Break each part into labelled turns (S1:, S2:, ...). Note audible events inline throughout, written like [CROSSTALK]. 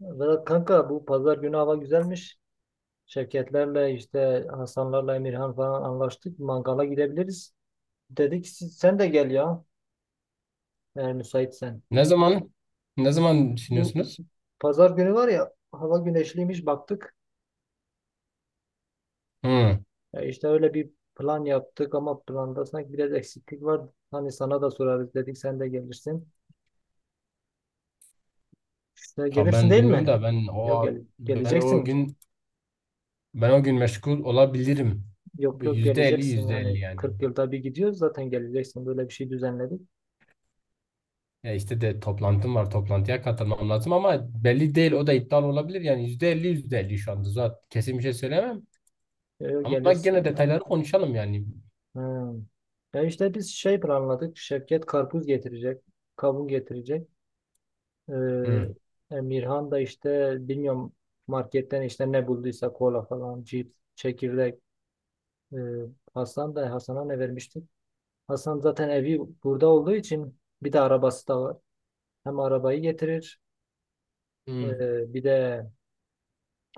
S1: Vedat kanka bu pazar günü hava güzelmiş. Şirketlerle işte Hasanlarla Emirhan falan anlaştık. Mangala gidebiliriz. Dedik siz, sen de gel ya. Eğer müsaitsen.
S2: Ne zaman ne
S1: Bu,
S2: zaman
S1: bu
S2: düşünüyorsunuz?
S1: pazar günü var ya, hava güneşliymiş baktık.
S2: Hı.
S1: Ya işte öyle bir plan yaptık ama planda sanki biraz eksiklik var. Hani sana da sorarız dedik, sen de gelirsin. İşte
S2: Ya
S1: gelirsin
S2: ben
S1: değil
S2: bilmiyorum
S1: mi?
S2: da
S1: Yok gel,
S2: ben o
S1: geleceksin.
S2: gün ben o gün meşgul olabilirim.
S1: Yok
S2: Bu
S1: yok
S2: yüzde elli
S1: geleceksin,
S2: yüzde
S1: yani
S2: elli yani.
S1: 40 yılda bir gidiyoruz zaten, geleceksin. Böyle bir şey düzenledik.
S2: Ya işte toplantım var, toplantıya katılmam lazım, ama belli değil, o da iptal olabilir. Yani yüzde elli yüzde elli şu anda, zaten kesin bir şey söyleyemem.
S1: Yok yok,
S2: Ama gene
S1: gelirsin.
S2: detayları konuşalım yani.
S1: Ha. Ya işte biz şey planladık. Şevket karpuz getirecek. Kavun getirecek. Ee,
S2: Hı.
S1: Emirhan da işte bilmiyorum, marketten işte ne bulduysa, kola falan, cips, çekirdek. Ee, Hasan da, Hasan'a ne vermiştik? Hasan zaten evi burada olduğu için, bir de arabası da var. Hem arabayı getirir,
S2: Hı
S1: bir de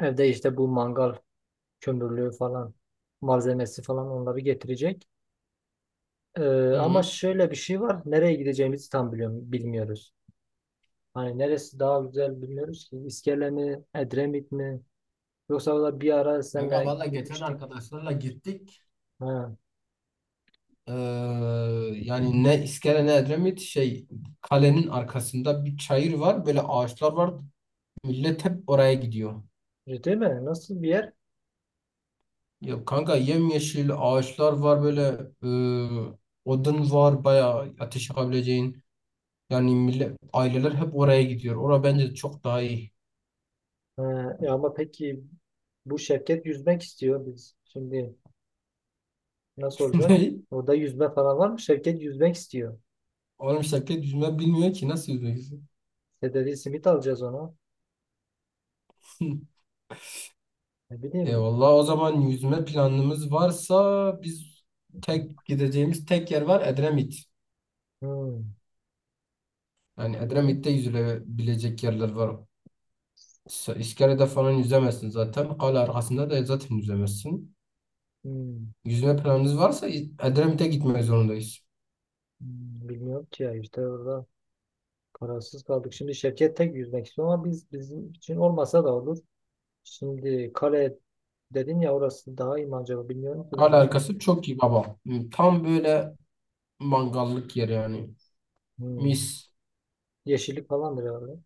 S1: evde işte bu mangal kömürlüğü falan, malzemesi falan, onları getirecek. Ee, ama
S2: hı.
S1: şöyle bir şey var. Nereye gideceğimizi tam bilmiyoruz. Hani neresi daha güzel bilmiyoruz ki. İskele mi, Edremit mi? Yoksa da bir ara
S2: Kanka
S1: seninle
S2: valla geçen
S1: gitmiştik.
S2: arkadaşlarla gittik.
S1: Ha,
S2: Ee, Yani ne iskele ne Edremit, kalenin arkasında bir çayır var, böyle ağaçlar var, millet hep oraya gidiyor.
S1: ciddi mi? Nasıl bir yer?
S2: Ya kanka yemyeşil ağaçlar var böyle, e, odun var bayağı, ateş yakabileceğin. Yani millet, aileler hep oraya gidiyor. Ora bence çok daha iyi.
S1: Ha, ama peki bu Şevket yüzmek istiyor biz. Şimdi nasıl
S2: [LAUGHS]
S1: olacak?
S2: Ne?
S1: Orada yüzme falan var mı? Şevket yüzmek istiyor.
S2: Oğlum şirket yüzme bilmiyor ki, nasıl yüzeceksin?
S1: İşte dedi simit alacağız ona.
S2: [LAUGHS]
S1: Ne bileyim.
S2: Eyvallah, o zaman yüzme planımız varsa biz, tek gideceğimiz tek yer var: Edremit.
S1: Hmm. Ne
S2: Yani
S1: bileyim.
S2: Edremit'te yüzülebilecek yerler var. İskele'de falan yüzemezsin zaten. Kale arkasında da zaten yüzemezsin.
S1: Hmm,
S2: Yüzme planınız varsa Edremit'e gitmek zorundayız.
S1: hmm, bilmiyorum ki ya, işte orada kararsız kaldık. Şimdi Şevket tek yüzmek istiyor ama biz, bizim için olmasa da olur. Şimdi kare dedin ya, orası daha iyi mi acaba, bilmiyorum ki ben
S2: Kale
S1: de.
S2: arkası çok iyi baba. Hmm, tam böyle mangallık yer yani.
S1: Hmm.
S2: Mis.
S1: Yeşillik falandır herhalde.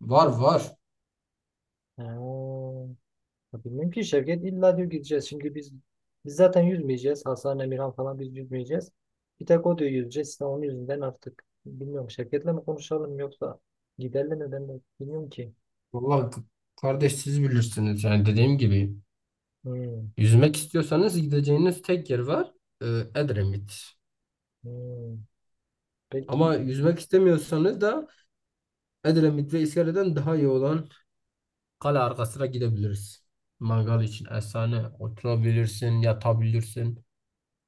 S2: Var var.
S1: Ha. Ya bilmiyorum ki, Şevket illa diyor gideceğiz. Şimdi biz zaten yüzmeyeceğiz. Hasan, Emirhan falan, biz yüzmeyeceğiz. Bir tek o diyor yüzeceğiz. İşte onun yüzünden artık bilmiyorum, Şevket'le mi konuşalım, yoksa giderle mi, ben de bilmiyorum ki.
S2: Vallahi kardeş, siz bilirsiniz. Yani dediğim gibi,
S1: Hmm.
S2: yüzmek istiyorsanız gideceğiniz tek yer var. Ee, Edremit.
S1: Hmm. Peki
S2: Ama yüzmek istemiyorsanız da Edremit ve İskele'den daha iyi olan kale arkasına gidebiliriz. Mangal için efsane, oturabilirsin, yatabilirsin.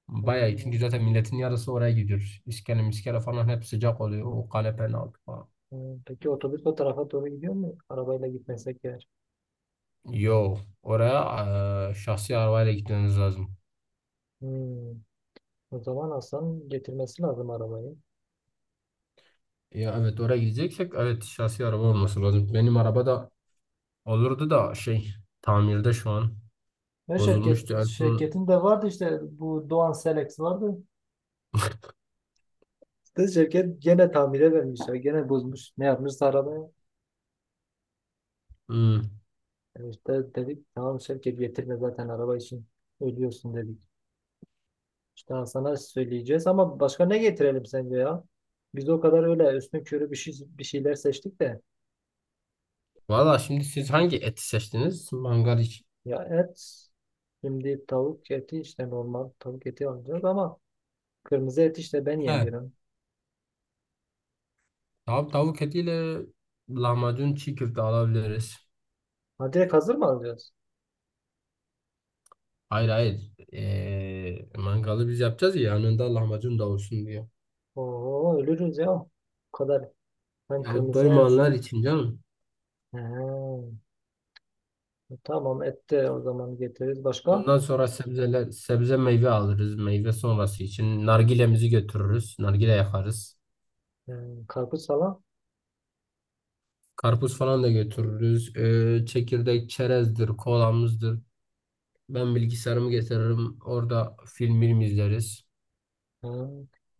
S2: Bayağı iyi, çünkü
S1: ee,
S2: zaten milletin yarısı oraya gidiyor. İskele miskele falan hep sıcak oluyor. O kale penaltı falan.
S1: peki otobüs o tarafa doğru gidiyor mu? Arabayla gitmesek eğer.
S2: Yo Oraya şahsi arabayla gitmeniz lazım.
S1: Hmm. O zaman Hasan getirmesi lazım arabayı.
S2: Ya evet, oraya gideceksek evet, şahsi araba olması lazım. Benim araba da olurdu da tamirde şu an.
S1: Ve şirket
S2: Bozulmuştu en son.
S1: şirketin de vardı, işte bu Doğan Selex vardı. İşte şirket gene tamire vermişler. Gene bozmuş. Ne yapmışsa arabaya?
S2: Hmm.
S1: İşte dedik tamam, şirket getirme zaten, araba için ölüyorsun dedik. İşte sana söyleyeceğiz, ama başka ne getirelim sence ya? Biz o kadar öyle üstün körü bir şeyler seçtik de.
S2: Valla, şimdi siz hangi eti seçtiniz? Mangal için.
S1: Ya et, şimdi tavuk eti, işte normal tavuk eti alacağız, ama kırmızı et işte ben
S2: He,
S1: yemiyorum.
S2: tamam, tavuk etiyle lahmacun, çiğ köfte alabiliriz.
S1: Ha, direkt hazır mı alacağız?
S2: Hayır hayır. Mangalı biz yapacağız ya, yanında lahmacun da olsun diye.
S1: Oo, ölürüz ya. O kadar. Hem
S2: Ya
S1: kırmızı et.
S2: doymayanlar için canım.
S1: He, tamam, et de o zaman getiririz. Başka?
S2: Ondan sonra sebzeler, sebze meyve alırız. Meyve sonrası için nargilemizi götürürüz, nargile yakarız.
S1: He, karpuz falan.
S2: Karpuz falan da götürürüz. Çekirdek, çerezdir, kolamızdır. Ben bilgisayarımı getiririm, orada film izleriz.
S1: He,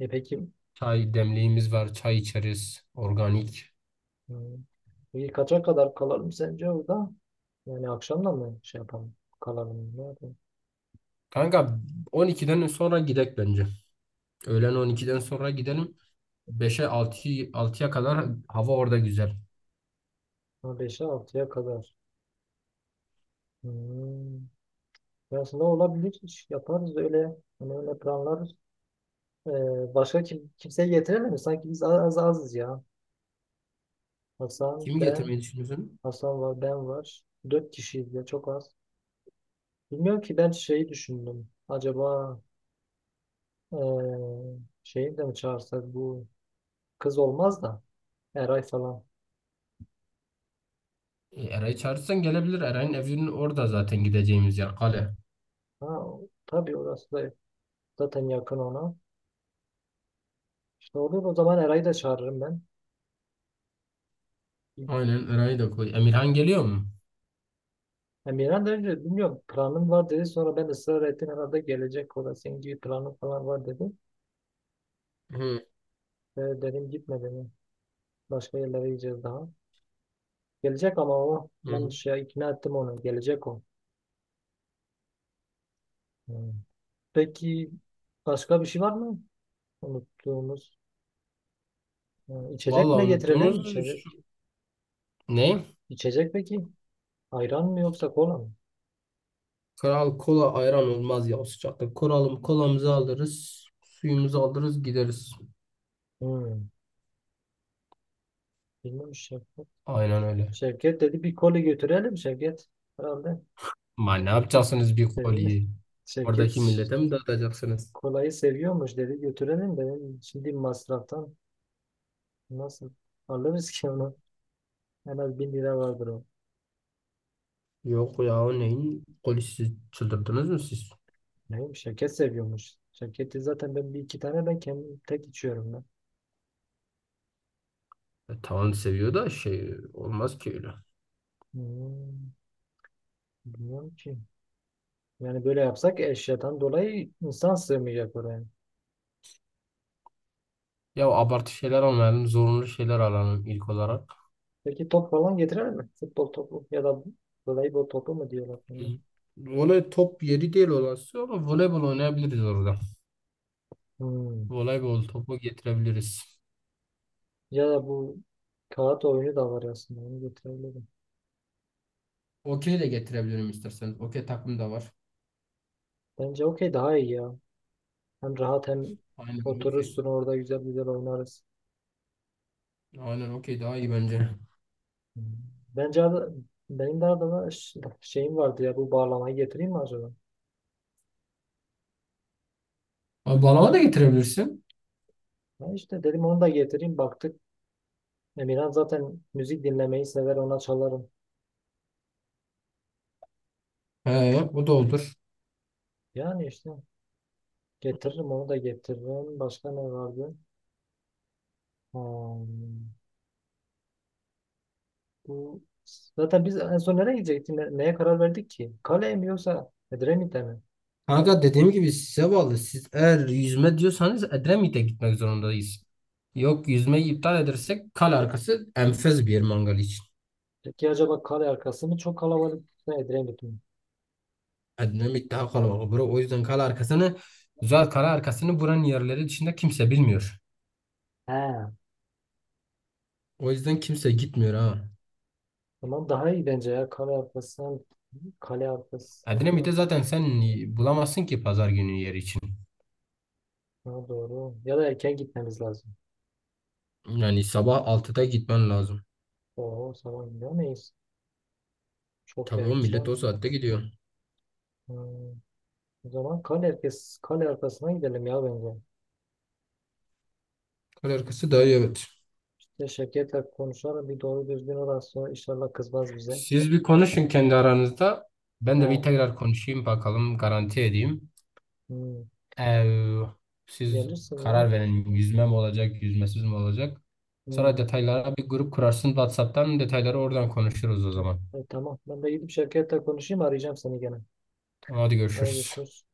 S1: peki,
S2: Çay demliğimiz var, çay içeriz. Organik.
S1: he, peki kaça kadar kalalım sence orada? Yani akşamda mı şey yapalım? Kalalım. Ne yapalım?
S2: Kanka 12'den sonra gidek bence. Öğlen 12'den sonra gidelim. Beşe altıya 6'ya kadar hava orada güzel.
S1: Ha, beşe altıya kadar. Hmm. Ya aslında olabilir. İş yaparız öyle. Hani öyle planlarız. Başka kimseyi getirelim mi? Sanki biz az, az azız ya. Hasan,
S2: Kimi
S1: ben,
S2: getirmeyi düşünüyorsun?
S1: Hasan var, ben var. Dört kişiyiz ya, çok az. Bilmiyorum ki, ben şeyi düşündüm. Acaba eee şeyi de mi çağırsak, bu kız olmaz da, Eray falan.
S2: E, Eray'ı çağırırsan gelebilir. Eray'ın evinin orada zaten gideceğimiz yer, kale.
S1: Ha, tabii, orası da zaten yakın ona. İşte olur o zaman, Eray'ı da çağırırım ben.
S2: Aynen, Eray'ı da koy. Emirhan geliyor mu?
S1: Emirhan da önce bilmiyorum, planım var dedi. Sonra ben ısrar ettim, herhalde gelecek, o da senin gibi planın falan var dedi.
S2: Hı
S1: Dedim gitme dedim. Başka yerlere gideceğiz daha. Gelecek ama o, ben
S2: hı.
S1: şey ikna ettim onu. Gelecek o. Hmm. Peki, başka bir şey var mı? Unuttuğumuz. Ha, İçecek
S2: Vallahi
S1: ne getirelim?
S2: unuttuğumuz
S1: İçecek.
S2: şu- ne?
S1: İçecek peki? Ayran mı yoksa kola mı?
S2: Kral kola, ayran olmaz ya o sıcakta. Koralım, kolamızı alırız, suyumuzu alırız, gideriz.
S1: Hmm. Bilmiyorum, Şevket.
S2: Aynen öyle.
S1: Şevket dedi bir kola götürelim, Şevket. Herhalde.
S2: Ma ne
S1: [LAUGHS]
S2: yapacaksınız bir
S1: Dedim,
S2: koliyi?
S1: Şevket
S2: Oradaki millete
S1: işte
S2: mi dağıtacaksınız?
S1: kolayı seviyormuş dedi, götürelim dedim. Şimdi masraftan nasıl alırız ki onu? En az bin lira vardır o.
S2: Yok ya, o neyin polisi, çıldırdınız mı siz?
S1: Neyim, Şevket seviyormuş. Şevket'i zaten ben bir iki tane, ben kendim tek içiyorum ben.
S2: E, tamam seviyor da şey olmaz ki öyle.
S1: Hmm, bilmiyorum ki. Yani böyle yapsak, eşyadan dolayı insan sığmayacak oraya.
S2: Ya abartı şeyler almayalım, zorunlu şeyler alalım ilk olarak.
S1: Peki top falan getirir mi? Futbol topu, ya da voleybol topu mu diyorlar
S2: Hı.
S1: buna?
S2: Voley top yeri değil olası ama voleybol oynayabiliriz orada.
S1: Hmm.
S2: Voleybol topu getirebiliriz.
S1: Ya da bu kağıt oyunu da var aslında, onu getirebilirim.
S2: Okey de getirebilirim isterseniz, okey takım da var.
S1: Bence okey daha iyi ya. Hem rahat, hem
S2: Aynen okey.
S1: oturursun orada güzel güzel oynarız.
S2: Aynen okey daha iyi bence. [LAUGHS]
S1: Hmm. Bence benim de Adana şeyim vardı ya, bu bağlamayı getireyim mi acaba?
S2: Abi, balona da getirebilirsin.
S1: Ben işte dedim onu da getireyim baktık. Emirhan zaten müzik dinlemeyi sever, ona çalarım.
S2: He, o da olur.
S1: Yani işte getiririm, onu da getiririm. Başka ne vardı? Hmm. Bu zaten biz en son nereye gidecektik? Neye karar verdik ki? Kale mi yoksa Edremit'e mi?
S2: Kanka dediğim gibi size bağlı. Siz eğer yüzme diyorsanız Edremit'e gitmek zorundayız. Yok, yüzmeyi iptal edersek kale arkası enfes bir yer mangal için.
S1: Peki acaba kale arkası mı çok kalabalık, yoksa Edremit mi?
S2: Edremit daha kalabalık bura. O yüzden kale arkasını, güzel, kale arkasını buranın yerleri dışında kimse bilmiyor.
S1: He.
S2: O yüzden kimse gitmiyor ha.
S1: Tamam, daha iyi bence ya. Kale arkası, kale arkası.
S2: Edremit'e zaten sen bulamazsın ki pazar günü yer için.
S1: Daha doğru. Ya da erken gitmemiz lazım.
S2: Yani sabah altıda gitmen lazım.
S1: Oo, sabah gidemeyiz. Çok
S2: Tabii, o millet
S1: erken.
S2: o saatte gidiyor.
S1: Hmm. O zaman kale arkası, kale arkasına gidelim ya bence.
S2: Kale arkası daha iyi, evet.
S1: İşte Şevket'le konuşalım. Bir doğru düzgün, orası inşallah kızmaz bize.
S2: Siz bir konuşun kendi aranızda. Ben de bir
S1: He.
S2: tekrar konuşayım bakalım, garanti edeyim.
S1: Hmm.
S2: Eee, Siz
S1: Gelirsin ya.
S2: karar verin, yüzme mi olacak yüzmesiz mi olacak. Sonra
S1: Hmm.
S2: detaylara bir grup kurarsın WhatsApp'tan, detayları oradan konuşuruz o
S1: Hı.
S2: zaman.
S1: Tamam. Ben de gidip şirkette konuşayım. Arayacağım seni gene.
S2: Tamam, hadi
S1: Hadi
S2: görüşürüz.
S1: görüşürüz.